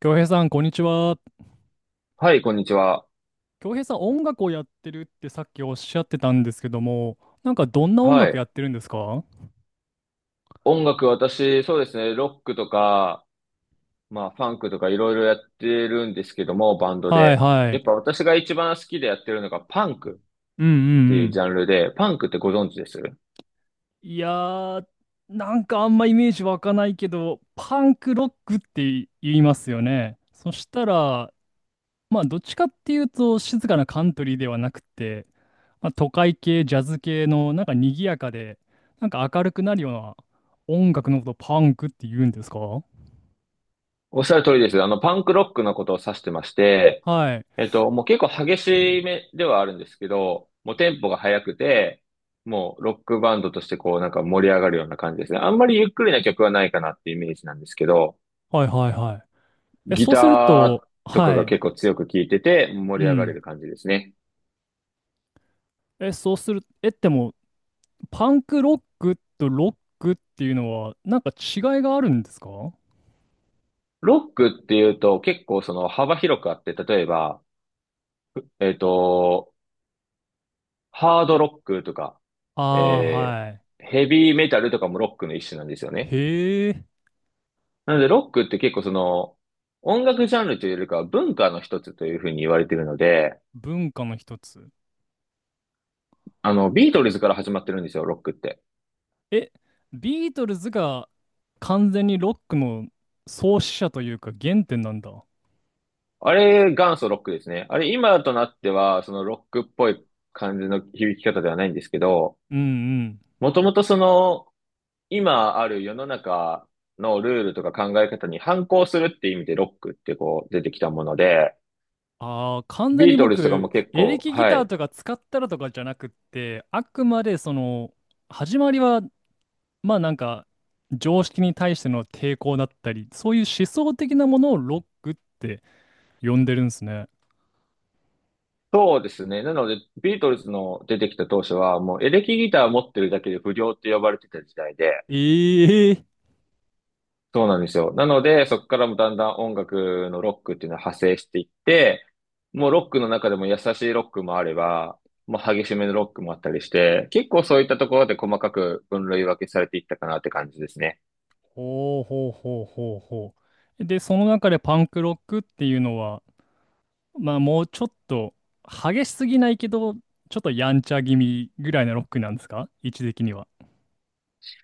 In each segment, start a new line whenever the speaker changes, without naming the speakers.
京平さん、こんにちは。
はい、こんにちは。
京平さん、音楽をやってるってさっきおっしゃってたんですけども、なんかどんな音
は
楽や
い。
ってるんですか？は
音楽、私、そうですね、ロックとか、まあ、ファンクとかいろいろやってるんですけども、バンド
い
で。
は
やっぱ
い。
私が一番好きでやってるのがパンク
うんうん
ってい
う
うジ
ん。
ャンルで、パンクってご存知です？
いやー、なんかあんまイメージ湧かないけど、パンクロックって言いますよね。そしたら、まあ、どっちかっていうと、静かなカントリーではなくて、まあ、都会系、ジャズ系の、なんか賑やかで、なんか明るくなるような音楽のことをパンクって言うんですか？はい。
おっしゃる通りです。あの、パンクロックのことを指してまして、もう結構激しめではあるんですけど、もうテンポが速くて、もうロックバンドとしてこうなんか盛り上がるような感じですね。あんまりゆっくりな曲はないかなっていうイメージなんですけど、
はいはいはい。え、
ギ
そうする
タ
と、
ーとか
は
が結
い。
構強く聴いてて盛
う
り上がれ
ん。
る感じですね。
え、そうする、え、でも、パンクロックとロックっていうのは、なんか違いがあるんですか？
ロックっていうと結構その幅広くあって、例えば、えっと、ハードロックとか、
ああー、
え
はい。
ヘビーメタルとかもロックの一種なんですよね。
へえ、
なのでロックって結構その音楽ジャンルというよりかは文化の一つというふうに言われているので、
文化の一つ。
あの、ビートルズから始まってるんですよ、ロックって。
え、ビートルズが完全にロックの創始者というか原点なんだ。
あれ、元祖ロックですね。あれ、今となっては、そのロックっぽい感じの響き方ではないんですけど、
うんうん。
もともとその、今ある世の中のルールとか考え方に反抗するって意味でロックってこう出てきたもので、
ああ、完全
ビ
に
ートルズとかも
僕、
結
エレ
構、
キギ
は
ター
い。
とか使ったらとかじゃなくって、あくまでその、始まりはまあなんか常識に対しての抵抗だったり、そういう思想的なものをロックって呼んでるんですね。
そうですね。なので、ビートルズの出てきた当初は、もうエレキギター持ってるだけで不良って呼ばれてた時代で、
ええ。
そうなんですよ。なので、そこからもだんだん音楽のロックっていうのは派生していって、もうロックの中でも優しいロックもあれば、もう激しめのロックもあったりして、結構そういったところで細かく分類分けされていったかなって感じですね。
ほうほうほうほうほう。で、その中でパンクロックっていうのは、まあもうちょっと激しすぎないけど、ちょっとやんちゃ気味ぐらいのロックなんですか、位置的には。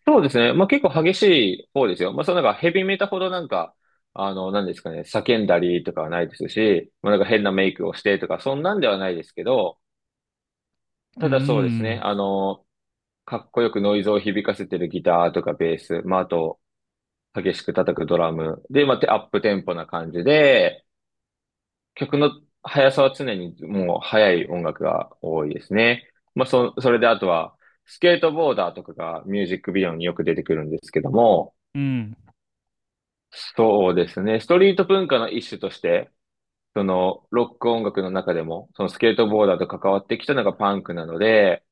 そうですね。まあ結構激しい方ですよ。まあそのなんかヘビメタほどなんか、あの、なんですかね、叫んだりとかはないですし、まあなんか変なメイクをしてとか、そんなんではないですけど、
うー
ただそうですね、
ん。
あの、かっこよくノイズを響かせてるギターとかベース、まああと、激しく叩くドラム。で、まあ、アップテンポな感じで、曲の速さは常にもう速い音楽が多いですね。まあ、それであとは、スケートボーダーとかがミュージックビデオによく出てくるんですけども、
うん。
そうですね。ストリート文化の一種として、そのロック音楽の中でも、そのスケートボーダーと関わってきたのがパンクなので、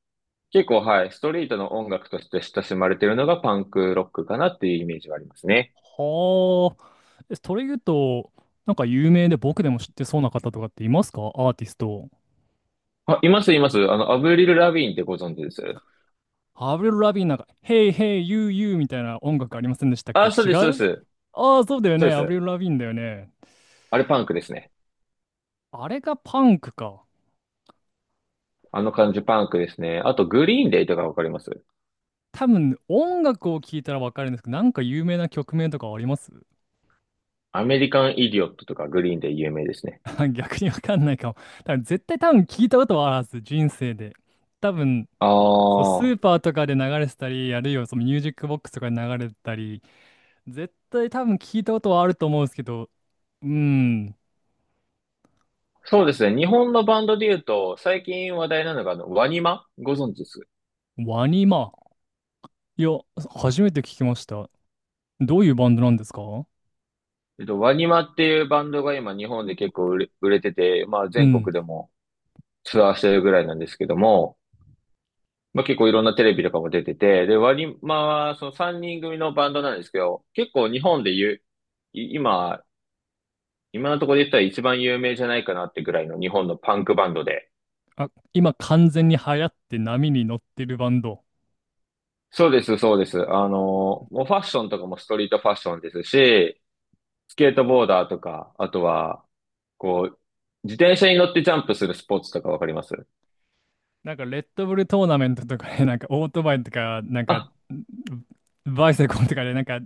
結構はい、ストリートの音楽として親しまれているのがパンクロックかなっていうイメージはありますね。
はあ。えそれ言うと、なんか有名で僕でも知ってそうな方とかっていますか、アーティスト。
あ、います、います。あの、アブリル・ラビーンってご存知です？
アブリル・ラビーンなんか、Hey, hey, you, you みたいな音楽ありませんでしたっけ？
あ、そう
違
です、そうで
う？
す。
ああー、そうだよ
そう
ね。
で
アブリ
す。
ル・ラビーンだよね。
あれパンクですね。
あれがパンクか。
あの感じパンクですね。あと、グリーンデイとかわかります？
多分、音楽を聴いたらわかるんですけど、なんか有名な曲名とかあります？
アメリカン・イディオットとかグリーンデイ有名ですね。
逆にわかんないかも。多分、絶対多分聞いたことはあるはず、人生で。多分、
あ
そう、ス
あ、
ーパーとかで流れてたり、あるいはそのミュージックボックスとかで流れてたり、絶対多分聞いたことはあると思うんですけど、うーん、
そうですね。日本のバンドで言うと、最近話題なのが、あの、ワニマご存知です？
ワニマ。いや、初めて聞きました。どういうバンドなんですか？
ワニマっていうバンドが今日本で結構売れてて、まあ
う
全
ん。
国でもツアーしてるぐらいなんですけども、まあ、結構いろんなテレビとかも出てて、で、ワニマはその3人組のバンドなんですけど、結構日本で言う、い今、今のところで言ったら一番有名じゃないかなってぐらいの日本のパンクバンドで。
あ、今完全に流行って波に乗ってるバンド。
そうです、そうです。あの、もうファッションとかもストリートファッションですし、スケートボーダーとか、あとは、こう、自転車に乗ってジャンプするスポーツとかわかります？
なんかレッドブルトーナメントとかで、なんかオートバイとか、なんか
あ、
バイセコンとかで、なんか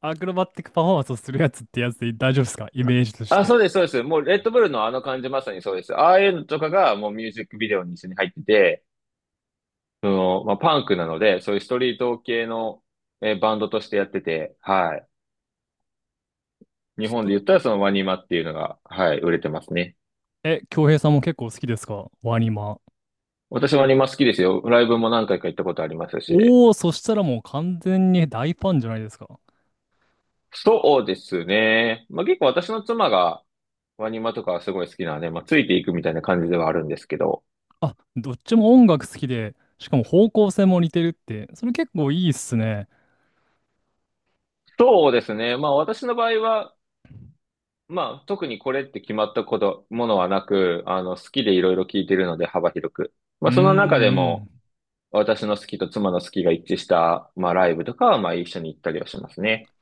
アクロバティックパフォーマンスをするやつってやつで大丈夫ですか、イメージとし
あ、
て。
そうです、そうです。もう、レッドブルのあの感じまさにそうです。ああいうのとかが、もうミュージックビデオに一緒に入ってて、その、まあ、パンクなので、そういうストリート系の、バンドとしてやってて、はい。日本
ス、
で言ったらそのワニマっていうのが、はい、売れてますね。
え、京平さんも結構好きですか、ワニマ。
私ワニマ好きですよ。ライブも何回か行ったことありますし。
おお、そしたらもう完全に大ファンじゃないですか。
そうですね。まあ、結構私の妻がワニマとかはすごい好きなので、まあ、ついていくみたいな感じではあるんですけど。
あ、どっちも音楽好きで、しかも方向性も似てるって、それ結構いいっすね。
そうですね。まあ私の場合は、まあ特にこれって決まったこと、ものはなく、あの好きでいろいろ聞いてるので幅広く。
う
ま
ー
あ
ん、
その中で
う
も、
ん。
私の好きと妻の好きが一致した、まあ、ライブとかは、まあ、一緒に行ったりはしますね。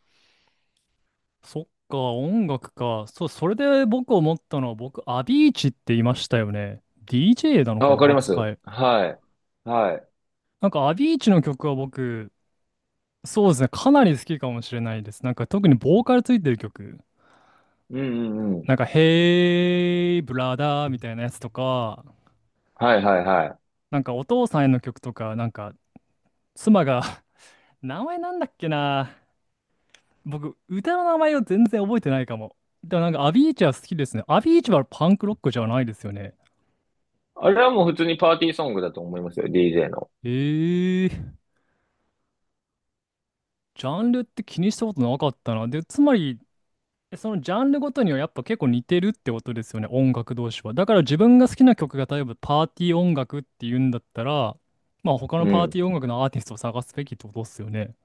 そっか、音楽か。そう、それで僕思ったのは、僕、アビーチって言いましたよね。DJ なの
あ、
か
わか
な、
ります。
扱い。
はい。はい。
なんか、アビーチの曲は僕、そうですね、かなり好きかもしれないです。なんか、特にボーカルついてる曲。
うんうんうん。
なんか、ヘイブラダーみたいなやつとか、
はいはいはい。
なんかお父さんへの曲とか、なんか妻が 名前なんだっけな。僕、歌の名前を全然覚えてないかも。でもなんかアビーチは好きですね。アビーチはパンクロックじゃないですよね。
あれはもう普通にパーティーソングだと思いますよ、DJ の。
ええー、ジャンルって気にしたことなかったな。で、つまり、そのジャンルごとにはやっぱ結構似てるってことですよね、音楽同士は。だから自分が好きな曲が例えばパーティー音楽っていうんだったら、まあ他の
う
パーテ
ん。
ィー音楽のアーティストを探すべきってことですよね。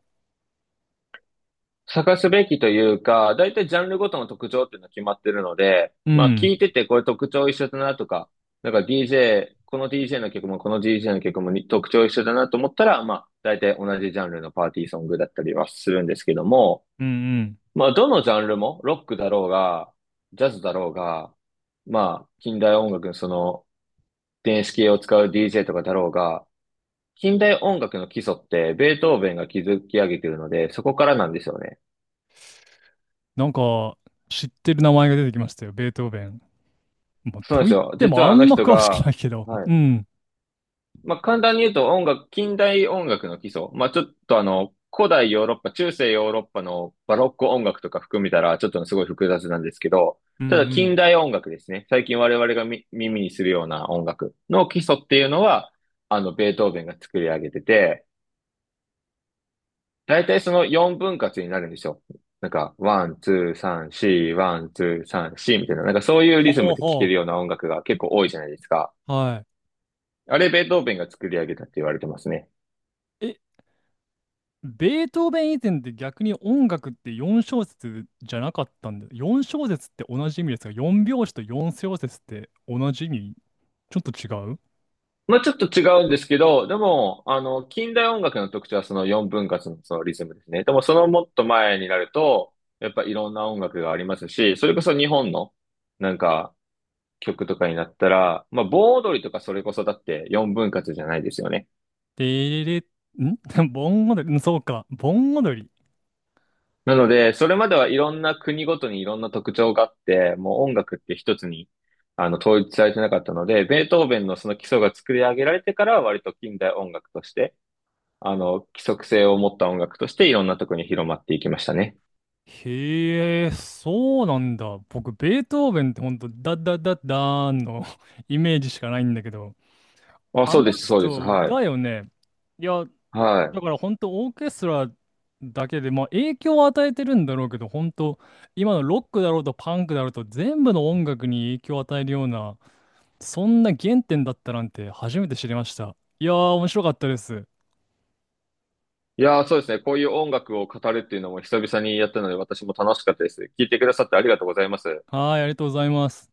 探すべきというか、だいたいジャンルごとの特徴っていうのは決まってるので、
う
まあ聞
ん。
いててこれ特徴一緒だなとか、なんか DJ、この DJ の曲もこの DJ の曲もに特徴一緒だなと思ったら、まあ大体同じジャンルのパーティーソングだったりはするんですけども、
うんうん。
まあ、どのジャンルも、ロックだろうが、ジャズだろうが、まあ、近代音楽のその、電子系を使う DJ とかだろうが、近代音楽の基礎って、ベートーベンが築き上げてるので、そこからなんですよね。
なんか、知ってる名前が出てきましたよ、ベートーベン。まあ、
そうなん
と
です
言っ
よ。
て
実
も
は
あ
あの
んま
人
詳しく
が、
ないけど。
は
う
い、
ん。
まあ、簡単に言うと音楽、近代音楽の基礎。まあ、ちょっとあの、古代ヨーロッパ、中世ヨーロッパのバロック音楽とか含めたら、ちょっとすごい複雑なんですけど、
うんう
ただ近
ん。
代音楽ですね。最近我々がみ耳にするような音楽の基礎っていうのは、あの、ベートーベンが作り上げてて、だいたいその4分割になるんですよ。なんか、ワン、ツー、サン、シー、ワン、ツー、サン、シーみたいな、なんかそういうリズ
ほ
ム
う
で聴け
ほ
るような音楽が結構多いじゃないですか。
う。は
あれ、ベートーベンが作り上げたって言われてますね。
い。え、ベートーベン以前って逆に音楽って4小節じゃなかったんで、4小節って同じ意味ですが、4拍子と4小節って同じ意味？ちょっと違う？
まあちょっと違うんですけど、でも、あの、近代音楽の特徴はその4分割のそのリズムですね。でもそのもっと前になると、やっぱいろんな音楽がありますし、それこそ日本のなんか曲とかになったら、まあ盆踊りとかそれこそだって4分割じゃないですよね。
でれれ、ん 盆踊り、うんそうか、盆踊り。
なので、それまではいろんな国ごとにいろんな特徴があって、もう音楽って一つにあの統一されてなかったので、ベートーベンのその基礎が作り上げられてからは割と近代音楽として、あの、規則性を持った音楽としていろんなとこに広まっていきましたね。
へえ、そうなんだ。僕、ベートーベンってほんと、ダッダッダッダーンの イメージしかないんだけど、
あ、
あ
そう
の
です、そうです。
人
はい。
だよね。いや、だ
は
からほんとオーケストラだけで、まあ影響を与えてるんだろうけど、ほんと、今のロックだろうとパンクだろうと全部の音楽に影響を与えるような、そんな原点だったなんて初めて知りました。いやー、面白かったです。
い。いやー、そうですね。こういう音楽を語るっていうのも久々にやったので、私も楽しかったです。聞いてくださってありがとうございます。
はーい、ありがとうございます。